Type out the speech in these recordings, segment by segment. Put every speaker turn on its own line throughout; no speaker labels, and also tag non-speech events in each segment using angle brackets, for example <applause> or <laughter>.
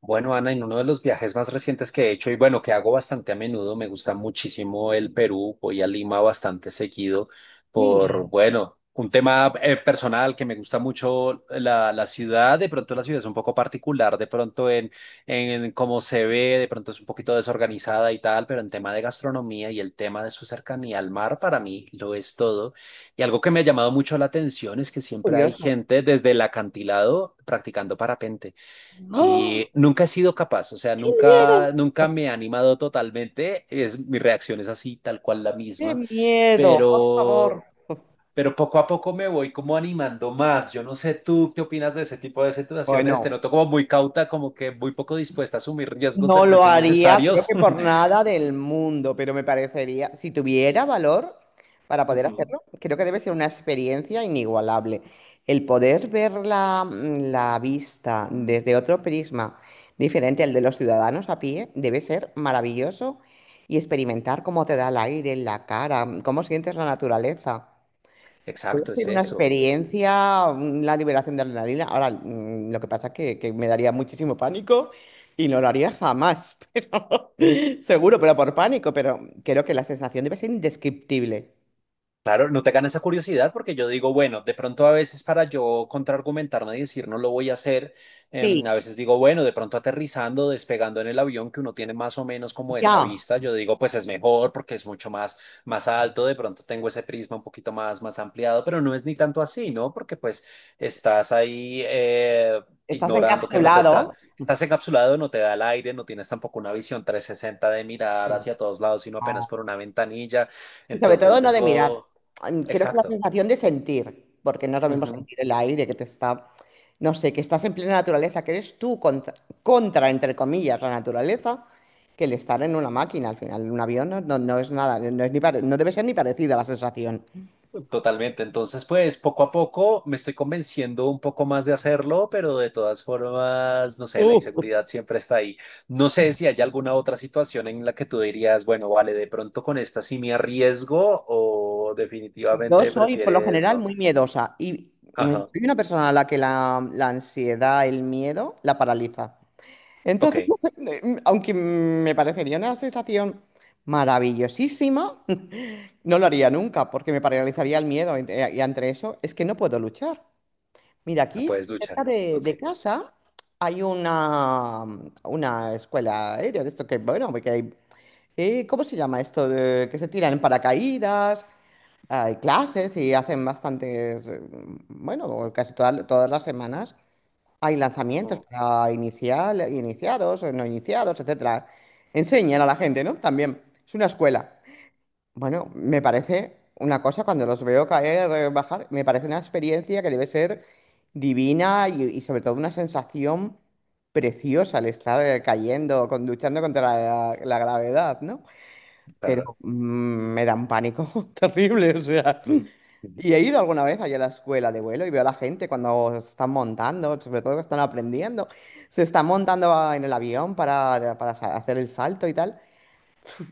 Bueno, Ana, en uno de los viajes más recientes que he hecho y bueno, que hago bastante a menudo, me gusta muchísimo el Perú, voy a Lima bastante seguido
Sí,
por, bueno, un tema personal que me gusta mucho la ciudad, de pronto la ciudad es un poco particular, de pronto en cómo se ve, de pronto es un poquito desorganizada y tal, pero en tema de gastronomía y el tema de su cercanía al mar, para mí lo es todo. Y algo que me ha llamado mucho la atención es que
qué
siempre hay
curioso.
gente desde el acantilado practicando parapente.
¡Oh!
Y nunca he sido capaz, o sea,
¡Qué miedo!
nunca me he animado totalmente. Es, mi reacción es así, tal cual la
¡Qué
misma,
miedo! Por favor.
pero,
<laughs>
pero poco a poco me voy como animando más. Yo no sé tú qué opinas de ese tipo de situaciones. Te
Bueno,
noto como muy cauta, como que muy poco dispuesta a asumir riesgos de
no lo
pronto
haría, creo
innecesarios.
que por
<laughs>
nada del mundo, pero me parecería, si tuviera valor para poder
Ujú.
hacerlo, creo que debe ser una experiencia inigualable. El poder ver la vista desde otro prisma diferente al de los ciudadanos a pie debe ser maravilloso y experimentar cómo te da el aire en la cara, cómo sientes la naturaleza. Debe
Exacto, es
ser una
eso.
experiencia, la liberación de adrenalina. Ahora, lo que pasa es que me daría muchísimo pánico y no lo haría jamás, <laughs> pero seguro, pero por pánico, pero creo que la sensación debe ser indescriptible.
Claro, no te gana esa curiosidad porque yo digo, bueno, de pronto a veces para yo contraargumentarme y decir no lo voy a hacer,
Sí,
a veces digo, bueno, de pronto aterrizando, despegando en el avión que uno tiene más o menos como esa
ya,
vista, yo digo, pues es mejor porque es mucho más, más alto, de pronto tengo ese prisma un poquito más, más ampliado, pero no es ni tanto así, ¿no? Porque pues estás ahí
estás
ignorando que no te
encapsulado.
está... Estás encapsulado, no te da el aire, no tienes tampoco una visión 360 de mirar hacia todos lados, sino apenas por una ventanilla.
Y sobre todo
Entonces
no de mirar.
digo,
Creo que la
exacto.
sensación de sentir, porque no es lo mismo
Ujú,
sentir el aire que te está, no sé, que estás en plena naturaleza, que eres tú contra, contra, entre comillas, la naturaleza, que el estar en una máquina, al final, un avión no es nada, no debe ser ni parecida la sensación.
totalmente. Entonces, pues poco a poco me estoy convenciendo un poco más de hacerlo, pero de todas formas, no sé, la inseguridad siempre está ahí. No sé si hay alguna otra situación en la que tú dirías, bueno, vale, de pronto con esta sí me arriesgo o
Yo
definitivamente
soy, por lo
prefieres
general,
no.
muy miedosa y
Ajá,
soy una persona a la que la ansiedad, el miedo, la paraliza.
ok,
Entonces, <laughs> aunque me parecería una sensación maravillosísima, <laughs> no lo haría nunca porque me paralizaría el miedo y entre eso es que no puedo luchar. Mira,
la
aquí
puedes
cerca
luchar. Ok,
de casa hay una escuela aérea de esto que, bueno, que hay, ¿cómo se llama esto? Que se tiran en paracaídas, hay clases y hacen bastantes, bueno, todas las semanas. Hay lanzamientos
ujú,
para iniciados, no iniciados, etcétera. Enseñan a la gente, ¿no? También. Es una escuela. Bueno, me parece una cosa, cuando los veo caer, bajar, me parece una experiencia que debe ser divina y sobre todo una sensación preciosa el estar cayendo, con, luchando contra la gravedad, ¿no? Pero
claro.
me da un pánico <laughs> terrible, o sea.
Ujú.
Y he ido alguna vez allá a la escuela de vuelo y veo a la gente cuando se están montando, sobre todo que están aprendiendo, se están en el avión hacer el salto y tal,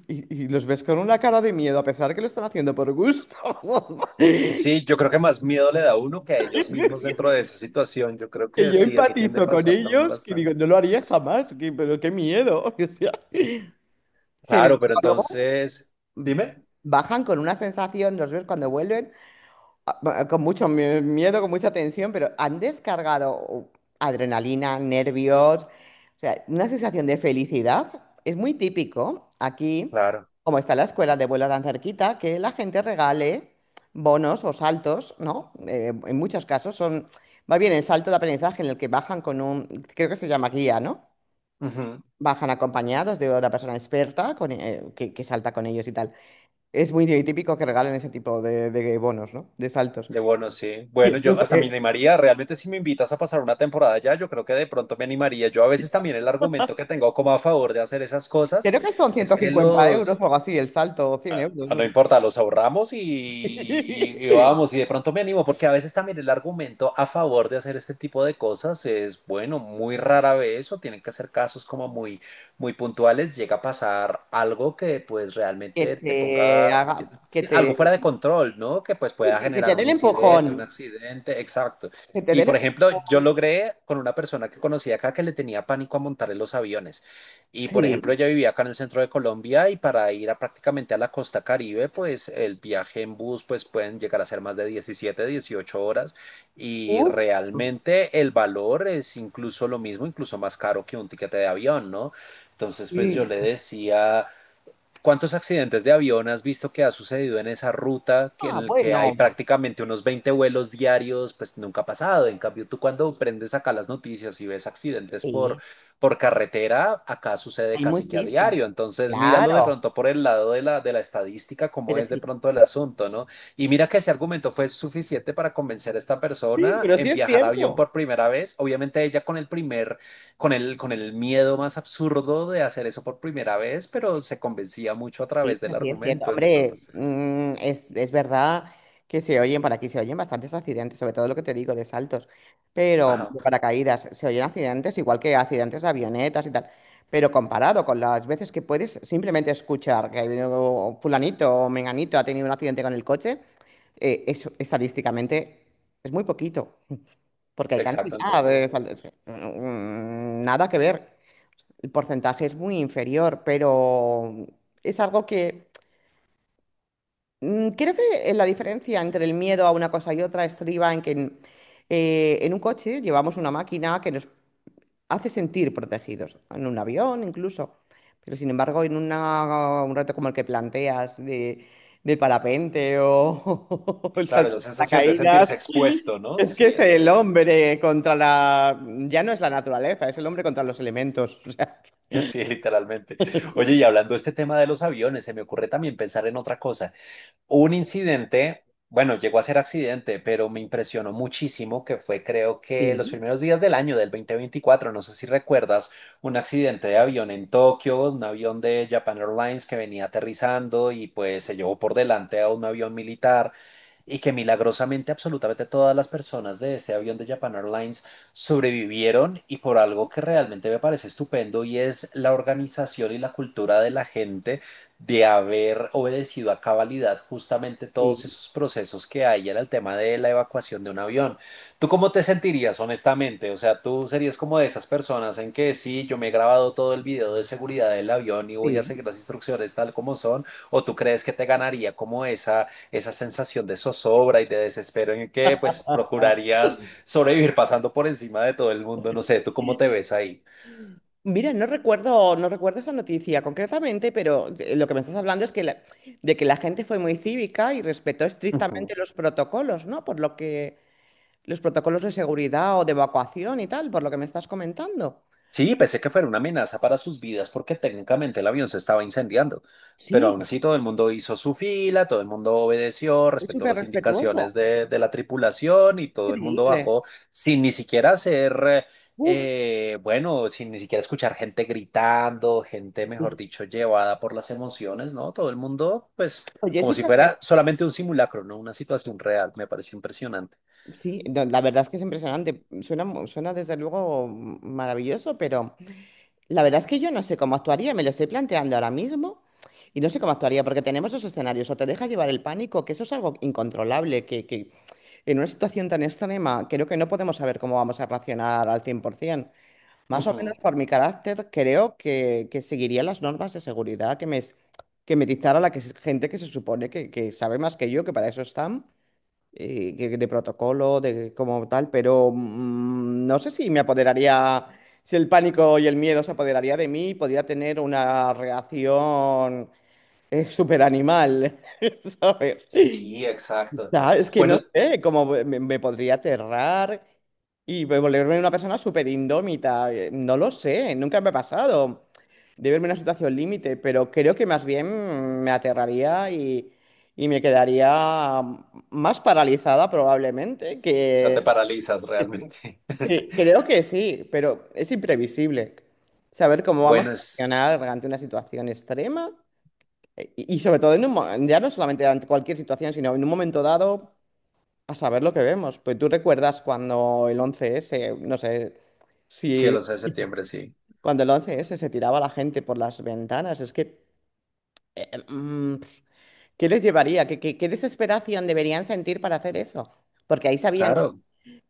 y los ves con una cara de miedo, a pesar que lo están haciendo por gusto. <laughs>
Sí, yo creo que más miedo le da a uno que a ellos mismos dentro de esa situación. Yo creo
Que
que
yo
sí, eso tiende a
empatizo con
pasar también
ellos, que
bastante.
digo, no lo haría jamás, pero qué miedo. <laughs> O sea. Sin
Claro, pero
embargo, luego
entonces, dime,
bajan con una sensación, los ves cuando vuelven, con mucho miedo, con mucha tensión, pero han descargado adrenalina, nervios, o sea, una sensación de felicidad. Es muy típico aquí,
claro,
como está la escuela de vuelo tan cerquita, que la gente regale bonos o saltos, ¿no? En muchos casos son, más bien el salto de aprendizaje en el que bajan con un, creo que se llama guía, ¿no?
ujú.
Bajan acompañados de otra persona experta con, que salta con ellos y tal. Es muy típico que regalen ese tipo de bonos, ¿no? De saltos.
De bueno, sí.
Y
Bueno, yo
entonces,
hasta me animaría, realmente si me invitas a pasar una temporada allá, yo creo que de pronto me animaría. Yo a veces también el argumento que tengo como a favor de hacer esas cosas
creo que son
es
ciento
que
cincuenta euros o
los,
algo así, el salto, o 100 euros,
ah,
no
no
sé.
importa, los ahorramos y
<laughs>
vamos, y de pronto me animo, porque a veces también el argumento a favor de hacer este tipo de cosas es, bueno, muy rara vez o tienen que ser casos como muy, muy puntuales, llega a pasar algo que pues
Que
realmente te
te
ponga
haga, que
sí, algo
te,
fuera de control, ¿no? Que pues
sí,
pueda
que
generar
te dé
un
el
incidente, un
empujón,
accidente, exacto.
que te dé
Y
el
por ejemplo, yo
empujón.
logré con una persona que conocí acá que le tenía pánico a montar en los aviones. Y por ejemplo,
Sí,
ella vivía acá en el centro de Colombia y para ir a prácticamente a la costa Caribe, pues el viaje en bus pues pueden llegar a ser más de 17 o 18 horas y
uh,
realmente el valor es incluso lo mismo, incluso más caro que un tiquete de avión, ¿no? Entonces, pues yo
sí.
le decía, ¿cuántos accidentes de avión has visto que ha sucedido en esa ruta que- en
Ah,
el que hay
bueno,
prácticamente unos 20 vuelos diarios? Pues nunca ha pasado. En cambio, tú cuando prendes acá las noticias y ves accidentes
sí,
por carretera, acá sucede
hay
casi que a
muchísimo,
diario. Entonces, míralo de
claro,
pronto por el lado de la estadística, cómo
pero
es de
sí.
pronto el asunto, ¿no? Y mira que ese argumento fue suficiente para convencer a esta
Sí,
persona
pero sí
en
es
viajar a avión
cierto.
por primera vez. Obviamente ella con el primer con el miedo más absurdo de hacer eso por primera vez, pero se convencía mucho a
Sí,
través del
sí, es cierto.
argumento,
Hombre,
entonces.
es verdad que se oyen, por aquí se oyen bastantes accidentes, sobre todo lo que te digo de saltos, pero
Ajá,
de paracaídas, se oyen accidentes igual que accidentes de avionetas y tal, pero comparado con las veces que puedes simplemente escuchar que ha habido fulanito o menganito ha tenido un accidente con el coche, eso estadísticamente es muy poquito, porque hay
exacto,
cantidad de
entonces.
nada que ver. El porcentaje es muy inferior, pero es algo que creo que la diferencia entre el miedo a una cosa y otra estriba en en un coche llevamos una máquina que nos hace sentir protegidos, en un avión incluso. Pero sin embargo, en un reto como el que planteas de, del parapente o, <laughs> o el
Claro,
salto
la
de
sensación de
paracaídas,
sentirse expuesto, ¿no?
es que
Sí,
es
es
el
eso. <laughs>
hombre contra la... Ya no es la naturaleza, es el hombre contra los elementos. <laughs> O sea,
Sí, literalmente. Oye, y hablando de este tema de los aviones, se me ocurre también pensar en otra cosa. Un incidente, bueno, llegó a ser accidente, pero me impresionó muchísimo que fue, creo
sí,
que los primeros días del año del 2024 no sé si recuerdas, un accidente de avión en Tokio, un avión de Japan Airlines que venía aterrizando y pues se llevó por delante a un avión militar y que milagrosamente absolutamente todas las personas de este avión de Japan Airlines sobrevivieron y por algo que realmente me parece estupendo y es la organización y la cultura de la gente de haber obedecido a cabalidad justamente todos
sí,
esos procesos que hay en el tema de la evacuación de un avión. ¿Tú cómo te sentirías honestamente? O sea, ¿tú serías como de esas personas en que sí, yo me he grabado todo el video de seguridad del avión y voy a
sí.
seguir las instrucciones tal como son, o tú crees que te ganaría como esa sensación de zozobra y de desespero en que pues procurarías sobrevivir pasando por encima de todo el mundo? No sé, ¿tú cómo te ves ahí?
Mira, no recuerdo esa noticia concretamente, pero lo que me estás hablando es que de que la gente fue muy cívica y respetó estrictamente
Ujú.
los protocolos, ¿no? Por lo que los protocolos de seguridad o de evacuación y tal, por lo que me estás comentando.
Sí, pensé que fuera una amenaza para sus vidas porque técnicamente el avión se estaba incendiando, pero
Sí,
aún así todo el mundo hizo su fila, todo el mundo obedeció,
es
respetó
súper
las indicaciones
respetuoso.
de la tripulación y todo el mundo
Increíble.
bajó sin ni siquiera hacer,
Uf,
bueno, sin ni siquiera escuchar gente gritando, gente, mejor
pues,
dicho, llevada por las emociones, ¿no? Todo el mundo, pues,
oye,
como si
situación.
fuera solamente un simulacro, no una situación real, me pareció impresionante.
Sí, no, la verdad es que es impresionante. Suena, suena desde luego maravilloso, pero la verdad es que yo no sé cómo actuaría, me lo estoy planteando ahora mismo y no sé cómo actuaría porque tenemos dos escenarios, o te deja llevar el pánico, que eso es algo incontrolable, que en una situación tan extrema creo que no podemos saber cómo vamos a reaccionar al 100%. Más o
Ujú.
menos por mi carácter creo que seguiría las normas de seguridad que me dictara gente que se supone que sabe más que yo, que para eso están de protocolo, de como tal, pero no sé si me apoderaría, si el pánico y el miedo se apoderaría de mí, podría tener una reacción super súper animal, <laughs> ¿sabes?
Sí, exacto.
No, es que no
Bueno,
sé, como me podría aterrar y volverme una persona súper indómita. No lo sé, nunca me ha pasado de verme en una situación límite, pero creo que más bien me aterraría y me quedaría más paralizada probablemente
o sea, te
que...
paralizas realmente. <laughs>
Sí, creo que sí, pero es imprevisible saber cómo vamos
Bueno,
a
es
reaccionar ante una situación extrema y sobre todo en ya no solamente ante cualquier situación, sino en un momento dado. A saber lo que vemos. Pues tú recuerdas cuando el once s no sé, si
cielos de septiembre, sí.
cuando el once s se tiraba la gente por las ventanas, es que, eh, mm, ¿qué les llevaría? ¿Qué, qué desesperación deberían sentir para hacer eso? Porque ahí sabían que,
Claro,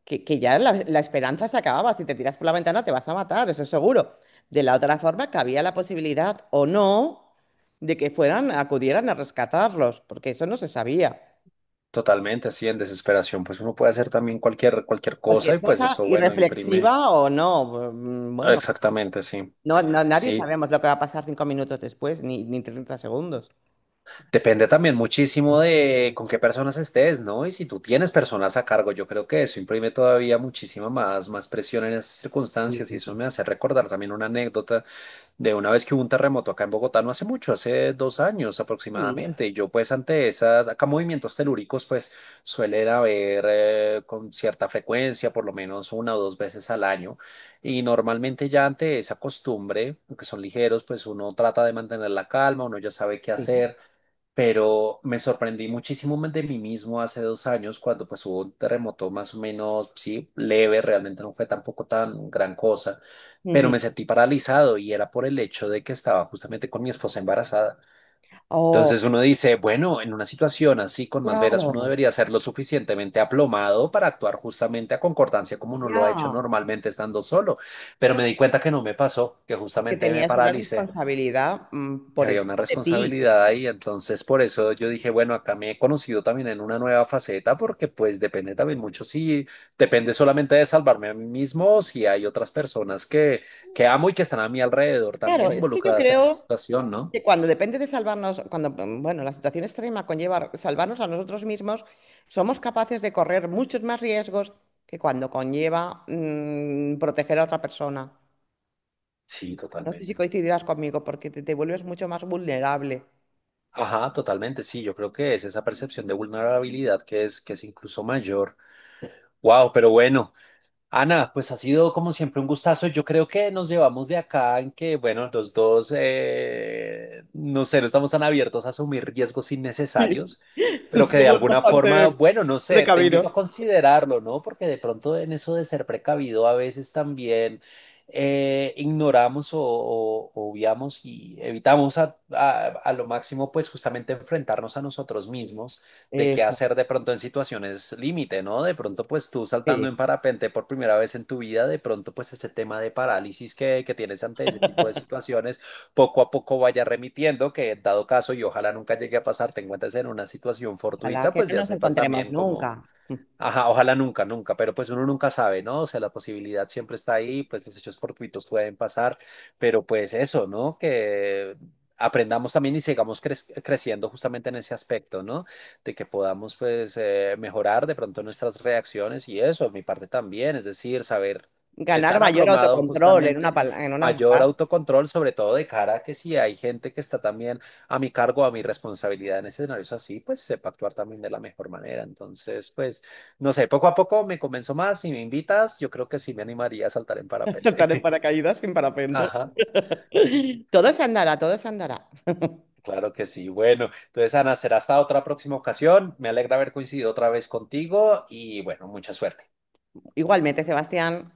que ya la esperanza se acababa. Si te tiras por la ventana te vas a matar, eso es seguro. De la otra forma, que había la posibilidad o no de que fueran, acudieran a rescatarlos, porque eso no se sabía.
totalmente, así en desesperación. Pues uno puede hacer también cualquier, cualquier cosa
Cualquier
y pues
cosa
eso, bueno, imprime.
irreflexiva o no,
Ah,
bueno.
exactamente, sí.
No, no, nadie
Sí,
sabemos lo que va a pasar 5 minutos después, ni, ni 30 segundos.
depende también muchísimo de con qué personas estés, ¿no? Y si tú tienes personas a cargo, yo creo que eso imprime todavía muchísima más, más presión en esas circunstancias y eso
Sí,
me hace recordar también una anécdota de una vez que hubo un terremoto acá en Bogotá no hace mucho, hace 2 años
sí,
aproximadamente. Y yo pues ante esas, acá movimientos telúricos pues suelen haber con cierta frecuencia, por lo menos una o dos veces al año. Y normalmente ya ante esa costumbre, aunque son ligeros, pues uno trata de mantener la calma, uno ya sabe qué
sí.
hacer pero me sorprendí muchísimo de mí mismo hace 2 años cuando pues hubo un terremoto más o menos, sí, leve, realmente no fue tampoco tan gran cosa, pero
Ujú.
me sentí paralizado y era por el hecho de que estaba justamente con mi esposa embarazada.
Oh,
Entonces uno dice, bueno, en una situación así con más veras uno
claro,
debería ser lo suficientemente aplomado para actuar justamente a concordancia como uno lo ha hecho
ya.
normalmente estando solo, pero me di cuenta que no me pasó, que
Es que
justamente me
tenías una
paralicé.
responsabilidad
Y
por
había una
encima de ti.
responsabilidad ahí, entonces por eso yo dije, bueno, acá me he conocido también en una nueva faceta, porque pues depende también mucho si depende solamente de salvarme a mí mismo, o si hay otras personas que amo y que están a mi alrededor
Claro,
también
es que yo
involucradas en esa
creo
situación, ¿no?
que cuando depende de salvarnos, cuando, bueno, la situación extrema conlleva salvarnos a nosotros mismos, somos capaces de correr muchos más riesgos que cuando conlleva proteger a otra persona.
Sí,
No sé si
totalmente.
coincidirás conmigo, porque te vuelves mucho más vulnerable.
Ajá, totalmente, sí, yo creo que es esa percepción de vulnerabilidad que es incluso mayor. Wow, pero bueno. Ana, pues ha sido como siempre un gustazo. Yo creo que nos llevamos de acá en que, bueno, los dos, no sé, no estamos tan abiertos a asumir riesgos
<laughs>
innecesarios,
<laughs>
pero que de
Somos
alguna forma,
bastante
bueno, no sé, te invito a
precavidos.
considerarlo, ¿no? Porque de pronto en eso de ser precavido a veces también ignoramos o- obviamos y evitamos a lo máximo, pues justamente enfrentarnos a nosotros mismos de qué
Eso,
hacer de pronto en situaciones límite, ¿no? De pronto, pues tú saltando
sí.
en parapente por primera vez en tu vida, de pronto, pues ese tema de parálisis que tienes ante ese tipo de situaciones, poco a poco vaya remitiendo, que dado caso y ojalá nunca llegue a pasar, te encuentres en una situación
Ojalá
fortuita,
que
pues
no
ya
nos
sepas
encontremos
también
nunca.
cómo,
<laughs>
ajá, ojalá nunca, nunca, pero pues uno nunca sabe, ¿no? O sea, la posibilidad siempre está
Sí.
ahí, pues los hechos fortuitos pueden pasar, pero pues eso, ¿no? Que aprendamos también y sigamos crec- creciendo justamente en ese aspecto, ¿no? De que podamos pues mejorar de pronto nuestras reacciones y eso, mi parte también, es decir, saber
Ganar
estar
mayor
aplomado
autocontrol en
justamente,
en una
mayor
frase.
autocontrol, sobre todo de cara a que si hay gente que está también a mi cargo, a mi responsabilidad en escenarios así, pues sepa actuar también de la mejor manera. Entonces, pues... No sé, poco a poco me convenzo más. Si me invitas, yo creo que sí me animaría a saltar en
<laughs> Saltar en
parapente.
paracaídas sin
<laughs>
parapente.
Ajá,
<laughs> Todo se andará, todo se andará.
claro que sí. Bueno, entonces, Ana, será hasta otra próxima ocasión. Me alegra haber coincidido otra vez contigo y bueno, mucha suerte.
Igualmente, Sebastián.